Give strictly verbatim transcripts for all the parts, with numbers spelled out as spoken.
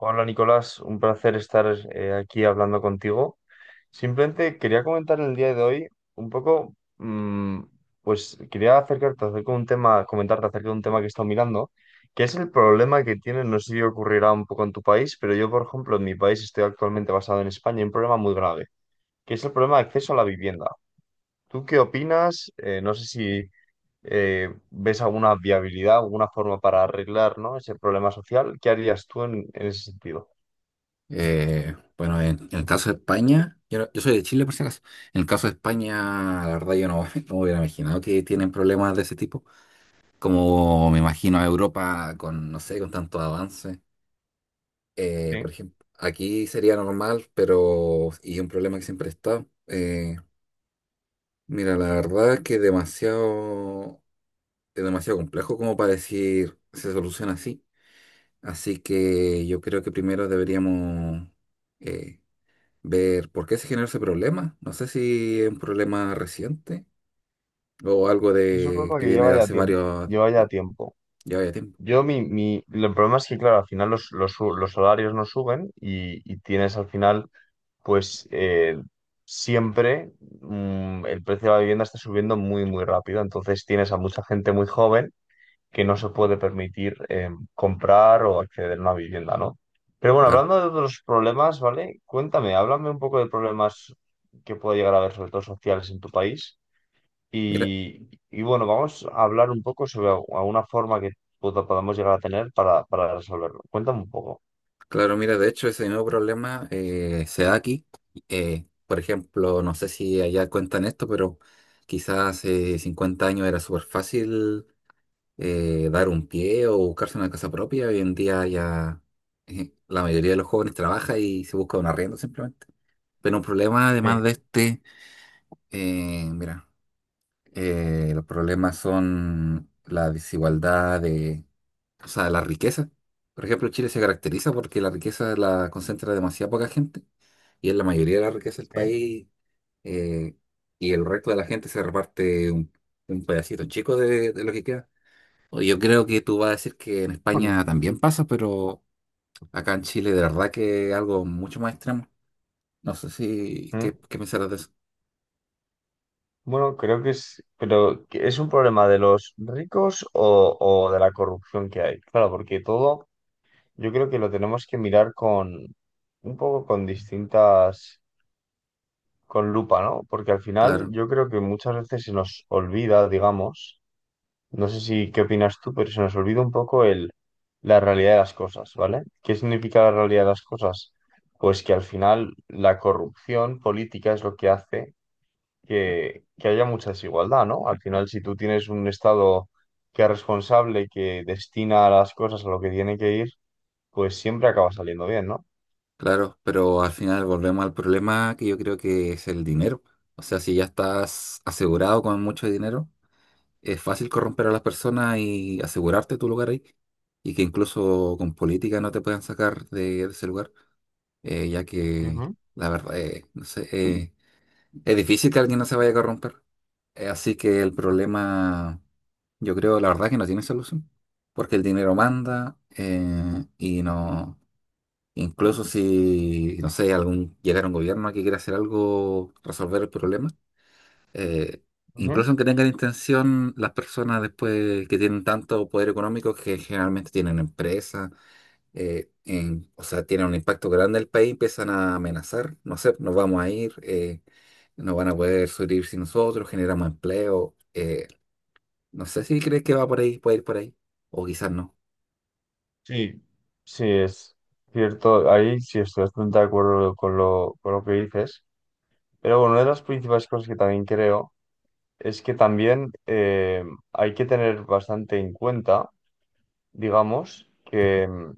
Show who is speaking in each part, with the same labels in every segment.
Speaker 1: Hola Nicolás, un placer estar eh, aquí hablando contigo. Simplemente quería comentar el día de hoy un poco, mm, pues quería acercarte acerca de un tema, comentarte acerca de un tema que he estado mirando, que es el problema que tiene, no sé si ocurrirá un poco en tu país, pero yo, por ejemplo, en mi país estoy actualmente basado en España, hay un problema muy grave, que es el problema de acceso a la vivienda. ¿Tú qué opinas? Eh, no sé si eh, ves alguna viabilidad, alguna forma para arreglar, ¿no? ese problema social. ¿Qué harías tú en en ese sentido?
Speaker 2: Eh, bueno, en, en el caso de España, yo, no- yo soy de Chile por si acaso, en el caso de España, la verdad yo no, no hubiera imaginado que tienen problemas de ese tipo, como me imagino a Europa con, no sé, con tantos avances. Eh, por
Speaker 1: Sí.
Speaker 2: ejemplo, aquí sería normal, pero, y un problema que siempre está, eh, mira, la verdad es que demasiado, es demasiado complejo como para decir se soluciona así, así que yo creo que primero deberíamos... eh, ver por qué se generó ese problema. No sé si es un problema reciente o algo
Speaker 1: Eso un
Speaker 2: de
Speaker 1: problema
Speaker 2: que
Speaker 1: que
Speaker 2: viene de
Speaker 1: lleva ya
Speaker 2: hace
Speaker 1: tiempo,
Speaker 2: varios,
Speaker 1: lleva ya tiempo.
Speaker 2: ya vaya tiempo.
Speaker 1: Yo, mi, mi, el problema es que, claro, al final los, los, su- los salarios no suben y, y tienes al final, pues, eh, siempre mm, el precio de la vivienda está subiendo muy, muy rápido. Entonces tienes a mucha gente muy joven que no se puede permitir eh, comprar o acceder a una vivienda, ¿no? Pero bueno,
Speaker 2: Claro,
Speaker 1: hablando de otros problemas, ¿vale? Cuéntame, háblame un poco de problemas que puede llegar a haber, sobre todo sociales, en tu país.
Speaker 2: mira,
Speaker 1: Y, y bueno, vamos a hablar un poco sobre al- alguna forma que pod- podamos llegar a tener para, para resolverlo. Cuéntame un poco.
Speaker 2: claro, mira, de hecho ese nuevo problema eh, se da aquí. Eh, por ejemplo, no sé si allá cuentan esto, pero quizás hace cincuenta años era súper fácil eh, dar un pie o buscarse una casa propia. Hoy en día ya eh, la mayoría de los jóvenes trabaja y se busca un arriendo simplemente. Pero un problema
Speaker 1: Sí,
Speaker 2: además de este, eh, mira. Eh, los problemas son la desigualdad de, o sea, la riqueza. Por ejemplo, Chile se caracteriza porque la riqueza la concentra demasiada poca gente y es la mayoría de la riqueza del
Speaker 1: sí.
Speaker 2: país eh, y el resto de la gente se reparte un, un pedacito chico de, de lo que queda. O Yo creo que tú vas a decir que en
Speaker 1: Mm.
Speaker 2: España también pasa, pero acá en Chile de verdad que es algo mucho más extremo. No sé si,
Speaker 1: ¿Mm?
Speaker 2: ¿qué, qué pensarás de eso?
Speaker 1: Bueno, creo que es, pero ¿que ¿es un problema de los ricos o, o de la corrupción que hay? Claro, porque todo yo creo que lo tenemos que mirar con un poco con distintas, con lupa, ¿no? Porque al final
Speaker 2: Claro.
Speaker 1: yo creo que muchas veces se nos olvida, digamos. No sé si qué opinas tú, pero se nos olvida un poco el, la realidad de las cosas, ¿vale? ¿Qué significa la realidad de las cosas? Pues que al final la corrupción política es lo que hace que, que haya mucha desigualdad, ¿no? Al final, si tú tienes un Estado que es responsable, que destina las cosas a lo que tiene que ir, pues siempre acaba saliendo bien, ¿no?
Speaker 2: Claro, pero al final volvemos al problema que yo creo que es el dinero. O sea, si ya estás asegurado con mucho dinero, es fácil corromper a las personas y asegurarte tu lugar ahí. Y que incluso con política no te puedan sacar de, de ese lugar, eh, ya que
Speaker 1: Ujú,
Speaker 2: la verdad, eh, no sé, eh, es difícil que alguien no se vaya a corromper. Eh, así que el problema, yo creo, la verdad, que no tiene solución. Porque el dinero manda eh, y no. Incluso si, no sé, algún, llegara un gobierno que quiera hacer algo, resolver el problema, eh,
Speaker 1: ujú.
Speaker 2: incluso aunque tengan intención, las personas después que tienen tanto poder económico que generalmente tienen empresas, eh, en- o sea, tienen un impacto grande en el país, empiezan a amenazar, no sé, nos vamos a ir, eh, no van a poder subir sin nosotros, generamos empleo, eh, no sé si crees que va por ahí, puede ir por ahí, o quizás no,
Speaker 1: Sí, sí, es cierto, ahí sí estoy bastante de acuerdo con lo, con lo que dices, pero bueno, una de las principales cosas que también creo es que también eh, hay que tener bastante en cuenta, digamos, que, mm,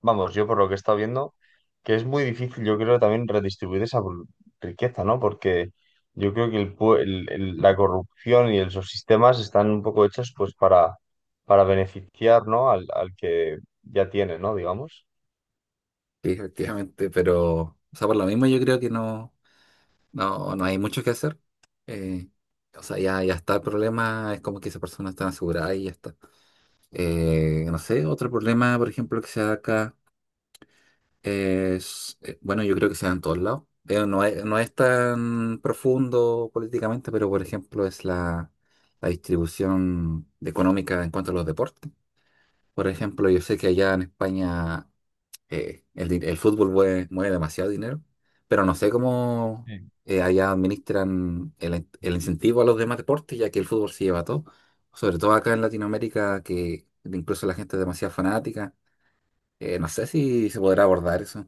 Speaker 1: vamos, yo por lo que he estado viendo, que es muy difícil, yo creo, también redistribuir esa bru- riqueza, ¿no? Porque yo creo que el, pue- el- el- la corrupción y el- los sistemas están un poco hechos pues para, para beneficiar, ¿no? Al, al que ya tiene, ¿no? Digamos.
Speaker 2: sí, efectivamente, pero, o sea, por lo mismo yo creo que no. No, no hay mucho que hacer. Eh, o sea, ya, ya está el problema, es como que esa persona está asegurada y ya está. Eh, no sé, otro problema, por ejemplo, que se da acá es, eh, bueno, yo creo que se da en todos lados. Eh, no es, no es tan profundo políticamente, pero por ejemplo es la, la distribución económica en cuanto a los deportes. Por ejemplo, yo sé que allá en España eh, el, di- el fútbol mueve, mueve demasiado dinero, pero no sé cómo eh, allá administran el, in- el incentivo a los demás deportes, ya que el fútbol se lleva todo, sobre todo acá en Latinoamérica, que incluso la gente es demasiado fanática. Eh, no sé si se podrá abordar eso.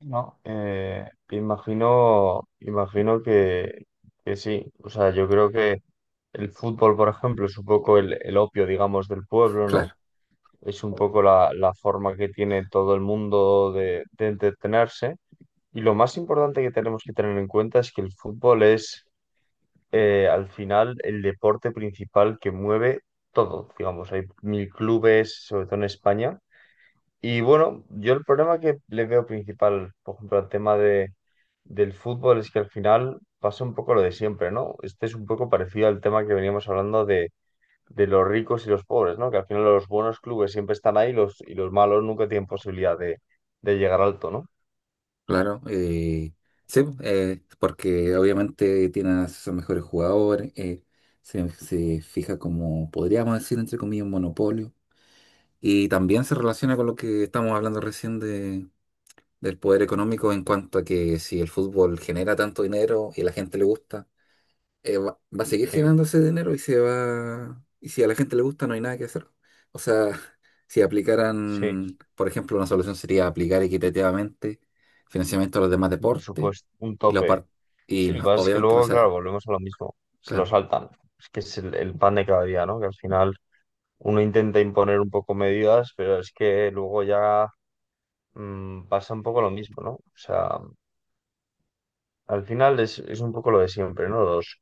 Speaker 1: No, eh, imagino, imagino que, que sí. O sea, yo creo que el fútbol, por ejemplo, es un poco el, el opio, digamos, del pueblo,
Speaker 2: Claro,
Speaker 1: ¿no? Es un poco la, la forma que tiene todo el mundo de, de entretenerse. Y lo más importante que tenemos que tener en cuenta es que el fútbol es, eh, al final, el deporte principal que mueve todo. Digamos, hay mil clubes, sobre todo en España. Y bueno, yo el problema que le veo principal, por ejemplo, al tema de, del fútbol es que al final pasa un poco lo de siempre, ¿no? Este es un poco parecido al tema que veníamos hablando de de los ricos y los pobres, ¿no? Que al final los buenos clubes siempre están ahí los, y los malos nunca tienen posibilidad de, de llegar alto, ¿no?
Speaker 2: claro. Eh, sí, pues, eh, porque obviamente tiene a sus mejores jugadores, eh, se, se fija como, podríamos decir, entre comillas, un monopolio. Y también se relaciona con lo que estamos hablando recién del poder económico en cuanto a que si el fútbol genera tanto dinero y a la gente le gusta, eh, va, va a seguir
Speaker 1: Sí,
Speaker 2: generando ese dinero y se va, y si a la gente le gusta no hay nada que hacer. O sea, si
Speaker 1: sí,
Speaker 2: aplicaran, por ejemplo, una solución sería aplicar equitativamente financiamiento a los demás
Speaker 1: un
Speaker 2: deportes
Speaker 1: presupuesto, un
Speaker 2: y, la
Speaker 1: tope.
Speaker 2: par- y
Speaker 1: Sí, lo que
Speaker 2: no-
Speaker 1: pasa es que
Speaker 2: obviamente no
Speaker 1: luego,
Speaker 2: se
Speaker 1: claro,
Speaker 2: da.
Speaker 1: volvemos a lo mismo, se lo
Speaker 2: Claro,
Speaker 1: saltan. Es que es el, el pan de cada día, ¿no? Que al final uno intenta imponer un poco medidas, pero es que luego ya mm, pasa un poco lo mismo, ¿no? O sea, al final es, es un poco lo de siempre, ¿no? Los,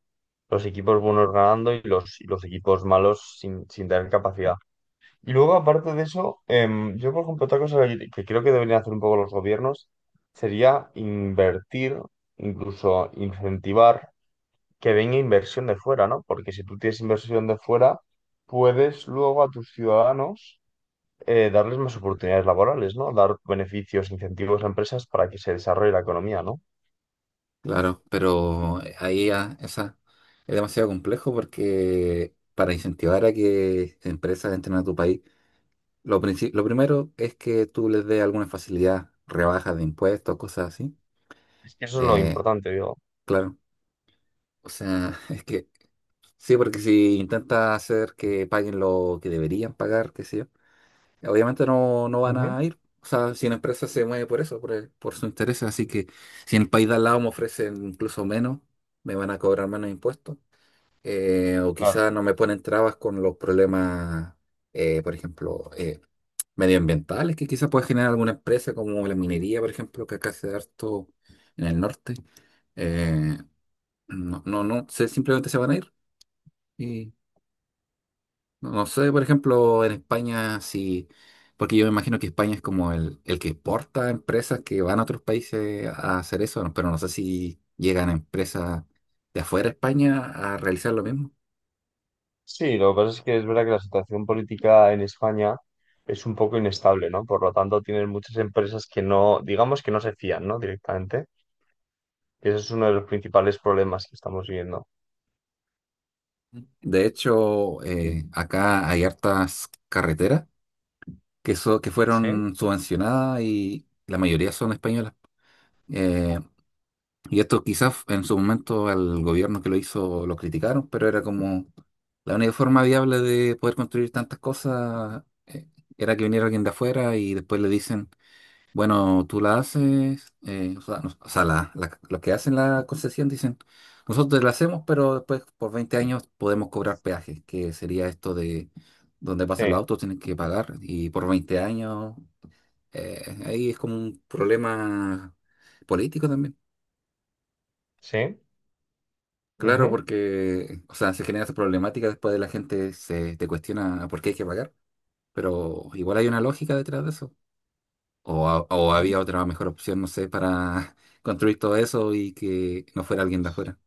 Speaker 1: los equipos buenos ganando y los, y los equipos malos sin, sin tener capacidad. Y luego, aparte de eso, em, yo, por ejemplo, otra cosa que que creo que deberían hacer un poco los gobiernos sería invertir, incluso incentivar que venga inversión de fuera, ¿no? Porque si tú tienes inversión de fuera, puedes luego a tus ciudadanos eh, darles más oportunidades laborales, ¿no? Dar beneficios, incentivos a empresas para que se desarrolle la economía, ¿no?
Speaker 2: claro, pero eh, ahí ya esa es demasiado complejo porque para incentivar a que empresas entren a tu país Lo princi- lo primero es que tú les des alguna facilidad, rebajas de impuestos, cosas así.
Speaker 1: Es que eso es lo
Speaker 2: Eh,
Speaker 1: importante, digo.
Speaker 2: claro, o sea, es que sí, porque si intentas hacer que paguen lo que deberían pagar, qué sé yo, obviamente no, no van
Speaker 1: Ujú,
Speaker 2: a ir. O sea, si una empresa se mueve por eso, por, el- por su interés, así que si en el país de al lado me ofrecen incluso menos, me van a cobrar menos impuestos. Eh, o
Speaker 1: claro.
Speaker 2: quizás no me ponen trabas con los problemas, eh, por ejemplo, eh, medioambientales que quizás puede generar alguna empresa como la minería, por ejemplo, que acá se da harto en el norte. Eh, no, no, no sé, simplemente se van a ir. Y no, no sé, por ejemplo, en España, si, porque yo me imagino que España es como el, el que exporta empresas que van a otros países a hacer eso, ¿no? Pero no sé si llegan empresas de afuera de España a realizar lo mismo.
Speaker 1: Sí, lo que pasa es que es verdad que la situación política en España es un poco inestable, ¿no? Por lo tanto, tienen muchas empresas que no, digamos que no se fían, ¿no? Directamente. Y ese es uno de los principales problemas que estamos viviendo.
Speaker 2: De hecho, eh, acá hay hartas carreteras que, so- que
Speaker 1: Sí,
Speaker 2: fueron subvencionadas y la mayoría son españolas. Eh, y esto quizás en su momento al gobierno que lo hizo lo criticaron, pero era como la única forma viable de poder construir tantas cosas eh, era que viniera alguien de afuera y después le dicen, bueno, tú la haces, eh, o sea, no- o sea, la- la- los que hacen la concesión dicen, nosotros la hacemos, pero después por veinte años podemos cobrar peajes, que sería esto de donde pasan los
Speaker 1: sí,
Speaker 2: autos, tienen que pagar y por veinte años eh, ahí es como un problema político también.
Speaker 1: sí.
Speaker 2: Claro,
Speaker 1: Ujú.
Speaker 2: porque, o sea, se genera esa problemática después de la gente se te cuestiona por qué hay que pagar, pero igual hay una lógica detrás de eso. O, ha- o
Speaker 1: Ujú.
Speaker 2: había otra mejor opción, no sé, para construir todo eso y que no fuera alguien de afuera.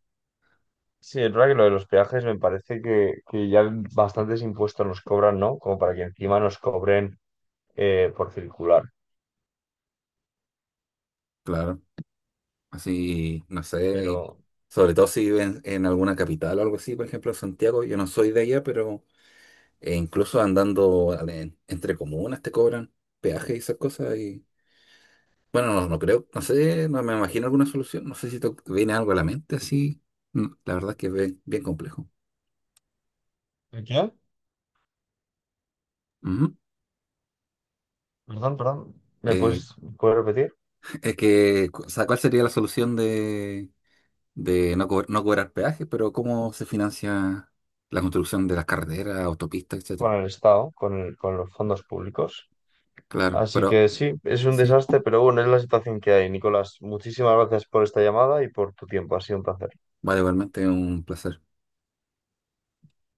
Speaker 1: Sí, es verdad que lo de los peajes me parece que, que ya bastantes impuestos nos cobran, ¿no? Como para que encima nos cobren eh, por circular.
Speaker 2: Claro, así, no sé,
Speaker 1: Pero...
Speaker 2: sobre todo si viven en alguna capital o algo así, por ejemplo, Santiago, yo no soy de allá, pero eh, incluso andando al- en- entre comunas te cobran peaje y esas cosas y... Bueno, no, no creo, no sé, no me imagino alguna solución. No sé si te viene algo a la mente así. No, la verdad es que es bien, bien complejo.
Speaker 1: ¿El ¿qué?
Speaker 2: Ujú.
Speaker 1: Perdón, perdón. ¿Me
Speaker 2: Eh,
Speaker 1: puedes, puedes repetir?
Speaker 2: es que, o sea, ¿cuál sería la solución de, de no, co- no cobrar peajes, pero cómo se financia la construcción de las carreteras, autopistas, etcétera?
Speaker 1: Con el Estado, con, el- con los fondos públicos.
Speaker 2: Claro,
Speaker 1: Así
Speaker 2: pero
Speaker 1: que sí, es un
Speaker 2: sí,
Speaker 1: desastre, pero bueno, es la situación que hay, Nicolás. Muchísimas gracias por esta llamada y por tu tiempo. Ha sido un placer.
Speaker 2: vale, igualmente un placer.